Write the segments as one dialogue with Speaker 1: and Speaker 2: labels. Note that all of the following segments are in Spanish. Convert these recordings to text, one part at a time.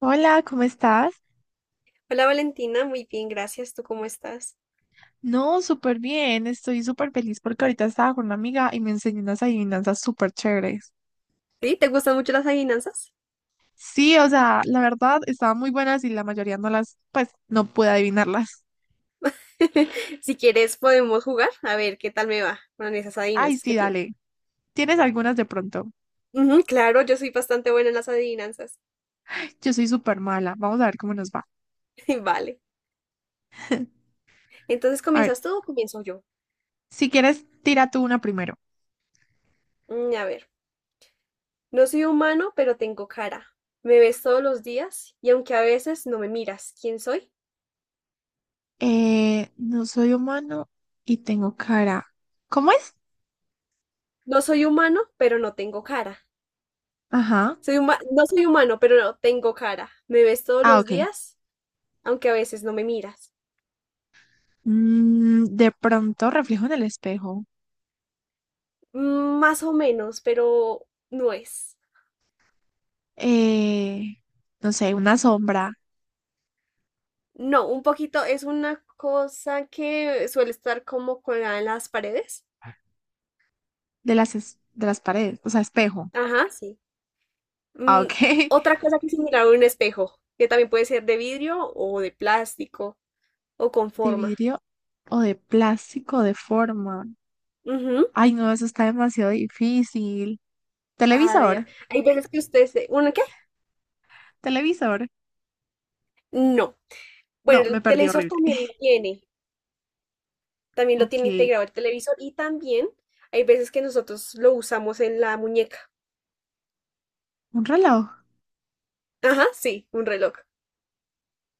Speaker 1: Hola, ¿cómo estás?
Speaker 2: Hola Valentina, muy bien, gracias. ¿Tú cómo estás?
Speaker 1: No, súper bien, estoy súper feliz porque ahorita estaba con una amiga y me enseñó unas adivinanzas súper chéveres.
Speaker 2: ¿Sí? ¿Te gustan mucho las adivinanzas?
Speaker 1: Sí, o sea, la verdad estaban muy buenas y la mayoría no las, pues, no pude adivinarlas.
Speaker 2: Si quieres, podemos jugar a ver qué tal me va con esas
Speaker 1: Ay,
Speaker 2: adivinanzas que
Speaker 1: sí,
Speaker 2: tienes.
Speaker 1: dale. ¿Tienes algunas de pronto?
Speaker 2: Ujú, claro, yo soy bastante buena en las adivinanzas.
Speaker 1: Yo soy súper mala, vamos a ver cómo nos va.
Speaker 2: Vale. Entonces,
Speaker 1: A ver,
Speaker 2: ¿comienzas tú o comienzo yo?
Speaker 1: si quieres, tira tú una primero.
Speaker 2: Mm, a ver, no soy humano, pero tengo cara. Me ves todos los días y aunque a veces no me miras, ¿quién soy?
Speaker 1: No soy humano y tengo cara. ¿Cómo es?
Speaker 2: No soy humano, pero no tengo cara.
Speaker 1: Ajá.
Speaker 2: No soy humano, pero no tengo cara. Me ves todos
Speaker 1: Ah,
Speaker 2: los
Speaker 1: ok.
Speaker 2: días, aunque a veces no me miras.
Speaker 1: Mm, de pronto reflejo en el espejo.
Speaker 2: Más o menos, pero no es.
Speaker 1: eh, no sé, una sombra
Speaker 2: No, un poquito, es una cosa que suele estar como colgada en las paredes.
Speaker 1: de las, de las paredes, o sea, espejo.
Speaker 2: Ajá, sí.
Speaker 1: Ah,
Speaker 2: Mm,
Speaker 1: ok.
Speaker 2: otra cosa que es similar a un espejo, que también puede ser de vidrio o de plástico o con
Speaker 1: De
Speaker 2: forma.
Speaker 1: vidrio o de plástico de forma.
Speaker 2: Ujú.
Speaker 1: Ay, no, eso está demasiado difícil.
Speaker 2: A ver,
Speaker 1: Televisor,
Speaker 2: hay veces que ustedes... ¿Uno qué?
Speaker 1: televisor.
Speaker 2: No.
Speaker 1: No,
Speaker 2: Bueno,
Speaker 1: me
Speaker 2: el
Speaker 1: perdí
Speaker 2: televisor
Speaker 1: horrible.
Speaker 2: también lo tiene. También lo tiene
Speaker 1: Ok,
Speaker 2: integrado el televisor y también hay veces que nosotros lo usamos en la muñeca.
Speaker 1: un reloj.
Speaker 2: Ajá, sí, un reloj.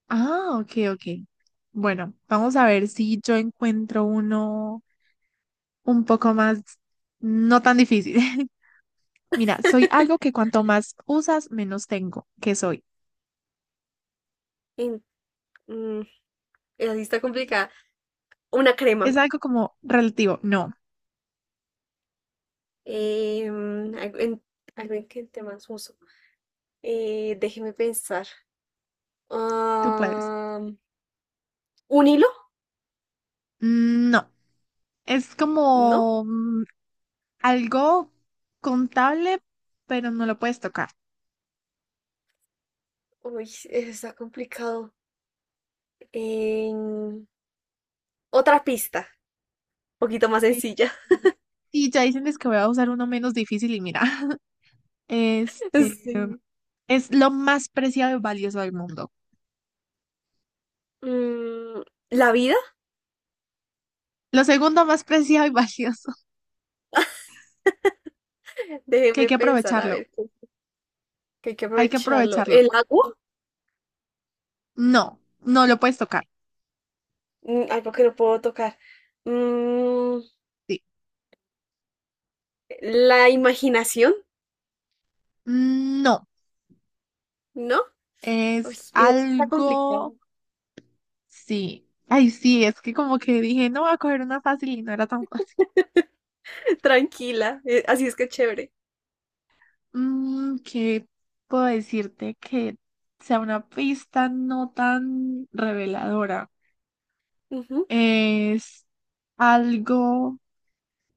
Speaker 1: Ah, ok, ok. Bueno, vamos a ver si yo encuentro uno un poco más, no tan difícil. Mira, soy algo que cuanto más usas, menos tengo. ¿Qué soy?
Speaker 2: En- mm, Esa sí está complicada. Una
Speaker 1: Es
Speaker 2: crema.
Speaker 1: algo como relativo. No,
Speaker 2: Algo en, algo en que te más uso. Déjeme pensar.
Speaker 1: tú puedes.
Speaker 2: Ah, ¿un hilo?
Speaker 1: No, es
Speaker 2: No.
Speaker 1: como algo contable, pero no lo puedes tocar.
Speaker 2: Uy, eso está complicado. Em, otra pista. Un poquito más
Speaker 1: Eh,
Speaker 2: sencilla.
Speaker 1: Y ya dicen es que voy a usar uno menos difícil y mira, este
Speaker 2: Sí.
Speaker 1: es lo más preciado y valioso del mundo.
Speaker 2: Mm, ¿la vida?
Speaker 1: Lo segundo más preciado y valioso, que hay
Speaker 2: Déjeme
Speaker 1: que
Speaker 2: pensar, a
Speaker 1: aprovecharlo.
Speaker 2: ver, que hay que
Speaker 1: Hay que
Speaker 2: aprovecharlo.
Speaker 1: aprovecharlo.
Speaker 2: ¿El agua?
Speaker 1: No, no lo puedes tocar.
Speaker 2: Mm, algo que no puedo tocar. Mm,
Speaker 1: Sí.
Speaker 2: ¿la imaginación?
Speaker 1: No,
Speaker 2: ¿No? Uy,
Speaker 1: es
Speaker 2: eso está
Speaker 1: algo.
Speaker 2: complicado.
Speaker 1: Sí. Ay, sí, es que como que dije, no voy a coger una fácil y no era tan fácil.
Speaker 2: Tranquila. Así es que chévere.
Speaker 1: Mm, ¿qué puedo decirte que sea una pista no tan reveladora?
Speaker 2: Ujú,
Speaker 1: Es algo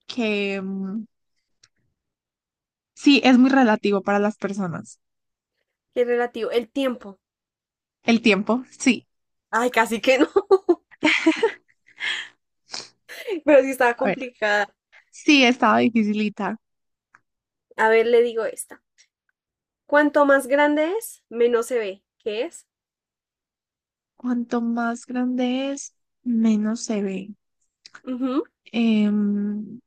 Speaker 1: que sí es muy relativo para las personas.
Speaker 2: qué relativo. El tiempo.
Speaker 1: El tiempo, sí.
Speaker 2: Ay, casi que no, pero sí estaba
Speaker 1: A ver,
Speaker 2: complicada.
Speaker 1: sí estaba dificilita.
Speaker 2: A ver, le digo esta. Cuanto más grande es, menos se ve. ¿Qué es?
Speaker 1: Cuanto más grande es, menos se ve.
Speaker 2: Ujú,
Speaker 1: Em,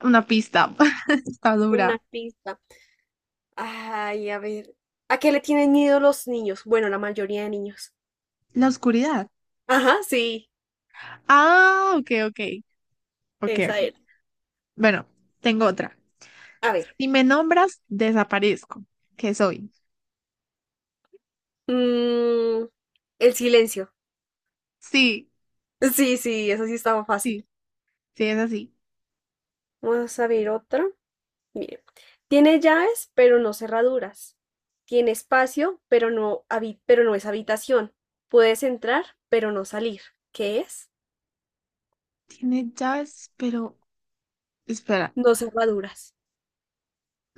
Speaker 1: una pista está dura.
Speaker 2: una pista. Ay, a ver. ¿A qué le tienen miedo los niños? Bueno, la mayoría de niños.
Speaker 1: La oscuridad.
Speaker 2: Ajá, sí,
Speaker 1: Ah, ok, ok, ok,
Speaker 2: esa
Speaker 1: ok.
Speaker 2: era.
Speaker 1: Bueno, tengo otra.
Speaker 2: A ver.
Speaker 1: Si me nombras, desaparezco. ¿Qué soy?
Speaker 2: mm, el silencio.
Speaker 1: Sí,
Speaker 2: Sí, sí, eso sí estaba fácil.
Speaker 1: sí, sí, es así.
Speaker 2: Vamos a ver otra. Mire, tiene llaves, pero no cerraduras. Tiene espacio, pero pero no es habitación. Puedes entrar, pero no salir. ¿Qué es?
Speaker 1: Tiene llaves, pero... Espera.
Speaker 2: No cerraduras.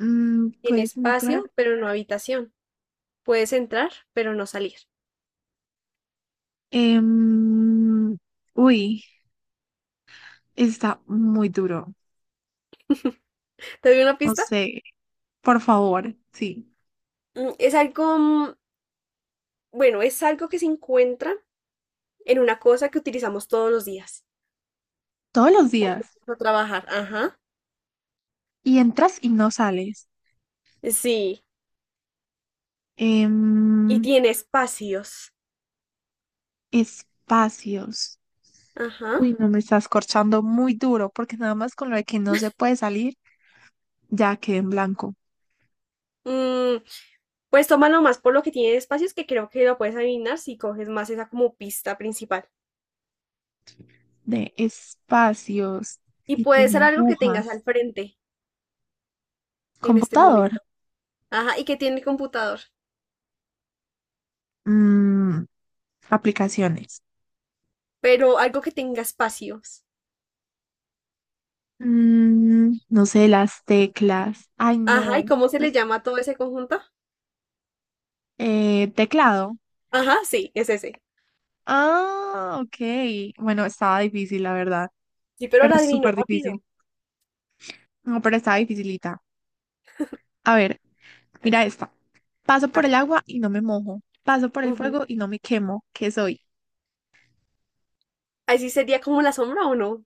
Speaker 1: Mm,
Speaker 2: Tiene
Speaker 1: ¿puedes entrar?
Speaker 2: espacio, pero no habitación. Puedes entrar, pero no salir.
Speaker 1: Em, Uy, está muy duro.
Speaker 2: ¿Te doy una
Speaker 1: No
Speaker 2: pista?
Speaker 1: sé, por favor, sí.
Speaker 2: Mm, es algo, mm, bueno, es algo que se encuentra en una cosa que utilizamos todos los días.
Speaker 1: Todos los días.
Speaker 2: Para trabajar, ajá.
Speaker 1: Y entras y no sales.
Speaker 2: Sí. Y
Speaker 1: Em,
Speaker 2: tiene espacios.
Speaker 1: espacios.
Speaker 2: Ajá.
Speaker 1: Uy, no me estás corchando muy duro, porque nada más con lo de que no se puede salir. Ya quedé en blanco.
Speaker 2: Mm, pues tómalo más por lo que tiene de espacios, que creo que lo puedes adivinar si coges más esa como pista principal.
Speaker 1: De espacios
Speaker 2: Y
Speaker 1: y
Speaker 2: puede
Speaker 1: tiene
Speaker 2: ser algo que tengas al
Speaker 1: agujas.
Speaker 2: frente en este
Speaker 1: Computadora.
Speaker 2: momento. Ajá, y que tiene el computador.
Speaker 1: Mm, aplicaciones.
Speaker 2: Pero algo que tenga espacios.
Speaker 1: Mm, no sé, las teclas. Ay,
Speaker 2: Ajá, ¿y
Speaker 1: no.
Speaker 2: cómo se le
Speaker 1: Las-
Speaker 2: llama a todo ese conjunto?
Speaker 1: Teclado.
Speaker 2: Ajá, sí, es ese.
Speaker 1: Ah, ok. Bueno, estaba difícil, la verdad.
Speaker 2: Sí, pero
Speaker 1: Pero
Speaker 2: la adivino
Speaker 1: súper difícil.
Speaker 2: rápido.
Speaker 1: No, pero estaba dificilita. A ver,
Speaker 2: A ver.
Speaker 1: mira esta. Paso
Speaker 2: A
Speaker 1: por el
Speaker 2: ver.
Speaker 1: agua y no me mojo. Paso por el
Speaker 2: Ujú.
Speaker 1: fuego y no me quemo. ¿Qué soy?
Speaker 2: Ahí sí sería como la sombra, o no.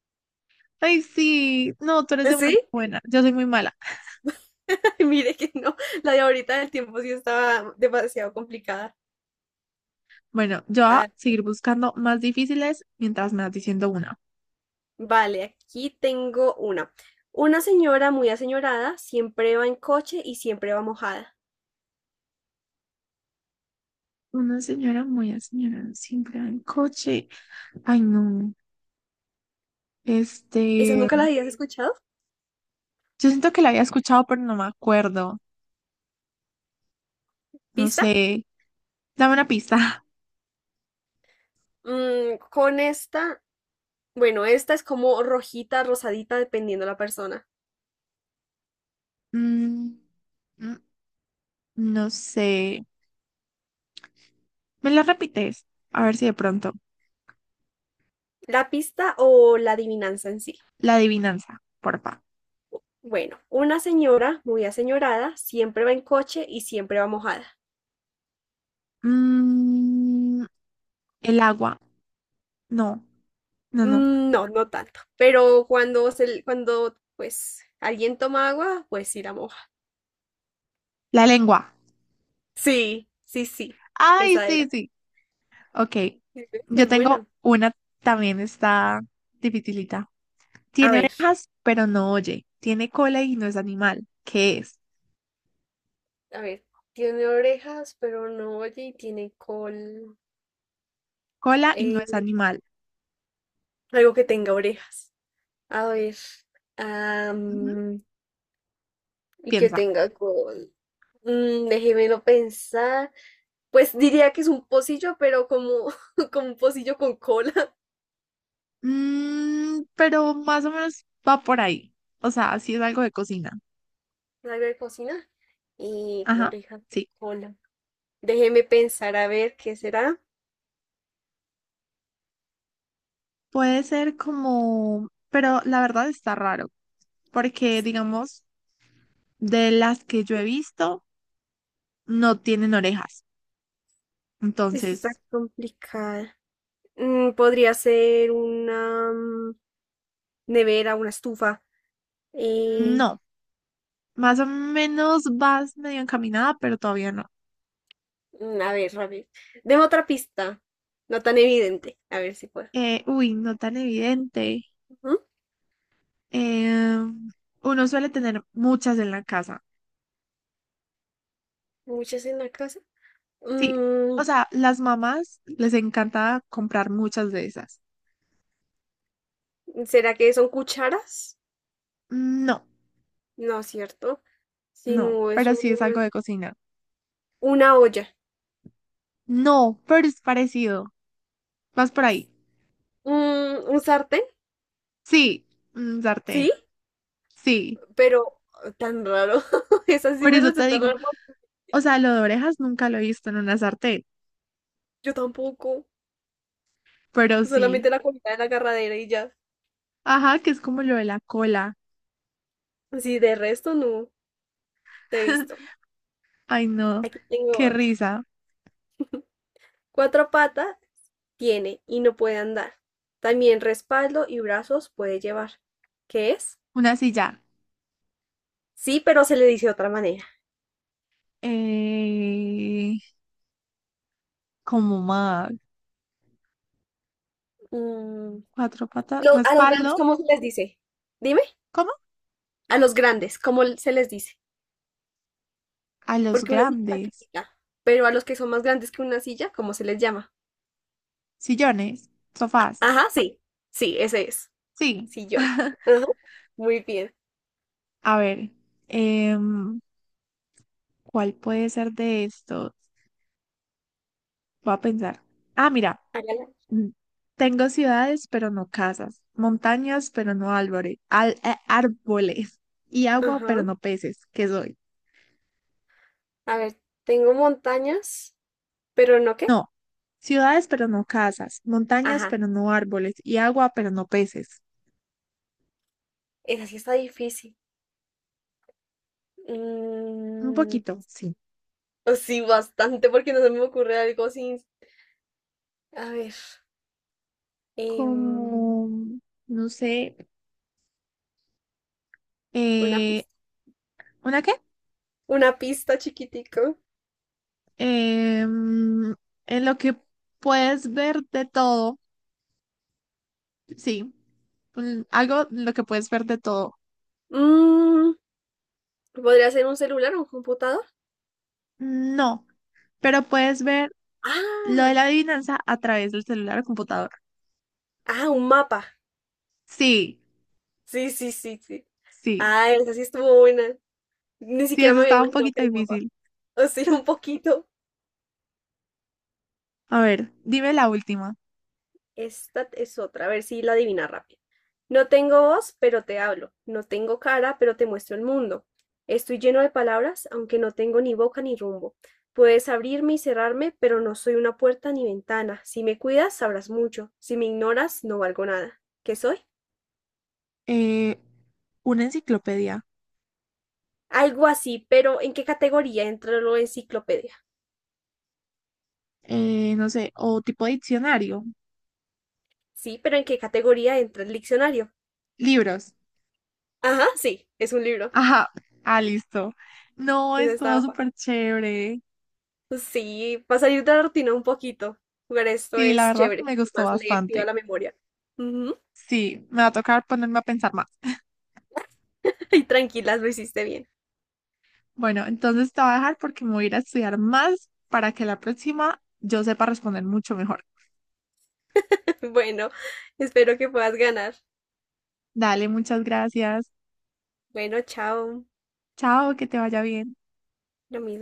Speaker 1: Ay, sí. No, tú eres demasiado
Speaker 2: ¿Sí?
Speaker 1: buena. Yo soy muy mala.
Speaker 2: Mire que no. La de ahorita del tiempo sí estaba demasiado complicada.
Speaker 1: Bueno, yo voy a
Speaker 2: A
Speaker 1: seguir buscando más difíciles mientras me vas diciendo una.
Speaker 2: Vale, aquí tengo una. Una señora muy aseñorada siempre va en coche y siempre va mojada.
Speaker 1: Una señora muy señora siempre va en coche. Ay, no.
Speaker 2: ¿Esa
Speaker 1: Este,
Speaker 2: nunca la habías escuchado?
Speaker 1: yo siento que la había escuchado, pero no me acuerdo. No
Speaker 2: ¿Pista?
Speaker 1: sé. Dame una pista.
Speaker 2: Mm, con esta, bueno, esta es como rojita, rosadita, dependiendo la persona.
Speaker 1: Mm, mm, no sé. ¿Me la repites? A ver si de pronto.
Speaker 2: ¿La pista o la adivinanza en sí?
Speaker 1: La adivinanza, porfa.
Speaker 2: Bueno, una señora muy aseñorada siempre va en coche y siempre va mojada.
Speaker 1: Mm, el agua. No, no, no.
Speaker 2: Mm, no, no tanto. Pero cuando se, cuando pues alguien toma agua, pues sí la moja.
Speaker 1: La lengua.
Speaker 2: Sí, sí, sí.
Speaker 1: Ay,
Speaker 2: Esa
Speaker 1: sí,
Speaker 2: era.
Speaker 1: sí. Ok,
Speaker 2: Sí, ¿ves?
Speaker 1: yo
Speaker 2: Es
Speaker 1: tengo
Speaker 2: buena.
Speaker 1: una, también está dificilita.
Speaker 2: A
Speaker 1: Tiene
Speaker 2: ver,
Speaker 1: orejas, pero no oye. Tiene cola y no es animal. ¿Qué es?
Speaker 2: a ver, tiene orejas, pero no oye y tiene col.
Speaker 1: Cola y no
Speaker 2: eh,
Speaker 1: es animal.
Speaker 2: algo que tenga orejas. A ver.
Speaker 1: Ujú,
Speaker 2: am, y que
Speaker 1: piensa.
Speaker 2: tenga col. Mm, déjemelo pensar. Pues diría que es un pocillo, pero como, como un pocillo con cola.
Speaker 1: Mm, pero más o menos va por ahí. O sea, sí es algo de cocina.
Speaker 2: Algo de cocina. Y
Speaker 1: Ajá,
Speaker 2: orejas con
Speaker 1: sí.
Speaker 2: cola. Déjeme pensar a ver qué será.
Speaker 1: Puede ser como, pero la verdad está raro, porque digamos, de las que yo he visto, no tienen orejas.
Speaker 2: Es que está
Speaker 1: Entonces,
Speaker 2: complicada. Mm, podría ser una mm, nevera, una estufa. Eh,
Speaker 1: no. Más o menos vas medio encaminada, pero todavía no.
Speaker 2: a ver, a ver. Deme otra pista. No tan evidente. A ver si puedo.
Speaker 1: Uy, no tan evidente.
Speaker 2: Ujú.
Speaker 1: Em, Uno suele tener muchas en la casa.
Speaker 2: Muchas en la casa.
Speaker 1: Sí, o
Speaker 2: Mm,
Speaker 1: sea, las mamás les encanta comprar muchas de esas.
Speaker 2: ¿será que son cucharas?
Speaker 1: No,
Speaker 2: No, ¿cierto? Si
Speaker 1: no,
Speaker 2: no, es
Speaker 1: pero sí es algo de cocina.
Speaker 2: una olla.
Speaker 1: No, pero es parecido. Vas por ahí.
Speaker 2: Mm, ¿un sartén?
Speaker 1: Sí, un sartén.
Speaker 2: Sí,
Speaker 1: Sí,
Speaker 2: pero tan raro. Esa sí
Speaker 1: por
Speaker 2: me
Speaker 1: eso te
Speaker 2: resulta
Speaker 1: digo.
Speaker 2: raro.
Speaker 1: O sea, lo de orejas nunca lo he visto en una sartén,
Speaker 2: Yo tampoco.
Speaker 1: pero
Speaker 2: Solamente
Speaker 1: sí.
Speaker 2: la comida de la agarradera y ya.
Speaker 1: Ajá, que es como lo de la cola.
Speaker 2: Sí, de resto no te he visto.
Speaker 1: Ay, no,
Speaker 2: Aquí tengo
Speaker 1: qué
Speaker 2: otra.
Speaker 1: risa.
Speaker 2: Cuatro patas tiene y no puede andar. También respaldo y brazos puede llevar. ¿Qué es?
Speaker 1: Una silla.
Speaker 2: Sí, pero se le dice de otra manera.
Speaker 1: Eh, Como más.
Speaker 2: Mm,
Speaker 1: Cuatro patas.
Speaker 2: a los grandes,
Speaker 1: Respaldo.
Speaker 2: ¿cómo se les dice? Dime,
Speaker 1: ¿Cómo?
Speaker 2: a los grandes, ¿cómo se les dice?
Speaker 1: A los
Speaker 2: Porque una silla es la
Speaker 1: grandes.
Speaker 2: chiquita, pero a los que son más grandes que una silla, ¿cómo se les llama?
Speaker 1: Sillones. Sofás.
Speaker 2: Ajá, sí. Sí, ese es.
Speaker 1: Sí.
Speaker 2: Sillón. Ajá, muy bien.
Speaker 1: A ver. em, ¿Cuál puede ser de estos? Voy a pensar. Ah, mira.
Speaker 2: Hágala.
Speaker 1: mm, Tengo ciudades, pero no casas. Montañas, pero no árboles. Árboles. Y agua,
Speaker 2: Ajá.
Speaker 1: pero no peces. ¿Qué soy?
Speaker 2: A ver, tengo montañas, pero no qué.
Speaker 1: No, ciudades pero no casas, montañas
Speaker 2: Ajá.
Speaker 1: pero no árboles y agua pero no peces.
Speaker 2: Esa sí está difícil.
Speaker 1: Un
Speaker 2: Mm,
Speaker 1: poquito, sí.
Speaker 2: pues sí, bastante, porque no se me ocurre algo sin. A ver. em,
Speaker 1: Como, no sé,
Speaker 2: una
Speaker 1: eh,
Speaker 2: pista.
Speaker 1: ¿una qué?
Speaker 2: Una pista chiquitico.
Speaker 1: Em, en lo que puedes ver de todo, sí. Algo en lo que puedes ver de todo.
Speaker 2: Mm, ¿podría ser un celular o un computador?
Speaker 1: No, pero puedes ver lo de
Speaker 2: Ah,
Speaker 1: la adivinanza a través del celular o computador.
Speaker 2: ah, un mapa.
Speaker 1: Sí,
Speaker 2: Sí, sí, sí, sí.
Speaker 1: sí,
Speaker 2: Ah, esa sí estuvo buena. Ni
Speaker 1: sí,
Speaker 2: siquiera
Speaker 1: eso
Speaker 2: me había
Speaker 1: estaba un
Speaker 2: imaginado que
Speaker 1: poquito
Speaker 2: era un mapa.
Speaker 1: difícil.
Speaker 2: O sí, un poquito.
Speaker 1: A ver, dime la última.
Speaker 2: Esta es otra, a ver si la adivina rápido. No tengo voz, pero te hablo. No tengo cara, pero te muestro el mundo. Estoy lleno de palabras, aunque no tengo ni boca ni rumbo. Puedes abrirme y cerrarme, pero no soy una puerta ni ventana. Si me cuidas, sabrás mucho. Si me ignoras, no valgo nada. ¿Qué soy?
Speaker 1: Eh, una enciclopedia,
Speaker 2: Algo así, pero ¿en qué categoría entra la enciclopedia?
Speaker 1: no sé, o tipo diccionario,
Speaker 2: Sí, pero ¿en qué categoría entra el diccionario?
Speaker 1: libros.
Speaker 2: Ajá, sí, es un libro.
Speaker 1: Ajá, ah, listo. No,
Speaker 2: Esa
Speaker 1: estuvo
Speaker 2: estaba fácil.
Speaker 1: súper chévere.
Speaker 2: Sí, para salir de la rutina un poquito. Jugar esto
Speaker 1: Sí, la
Speaker 2: es
Speaker 1: verdad
Speaker 2: chévere.
Speaker 1: me gustó
Speaker 2: Además, le activa
Speaker 1: bastante.
Speaker 2: la memoria. Ujú.
Speaker 1: Sí, me va a tocar ponerme a pensar más.
Speaker 2: Y tranquilas, lo hiciste bien.
Speaker 1: Bueno, entonces te voy a dejar porque me voy a ir a estudiar más para que la próxima yo sepa responder mucho mejor.
Speaker 2: Bueno, espero que puedas ganar.
Speaker 1: Dale, muchas gracias.
Speaker 2: Bueno, chao.
Speaker 1: Chao, que te vaya bien.
Speaker 2: Lo mismo.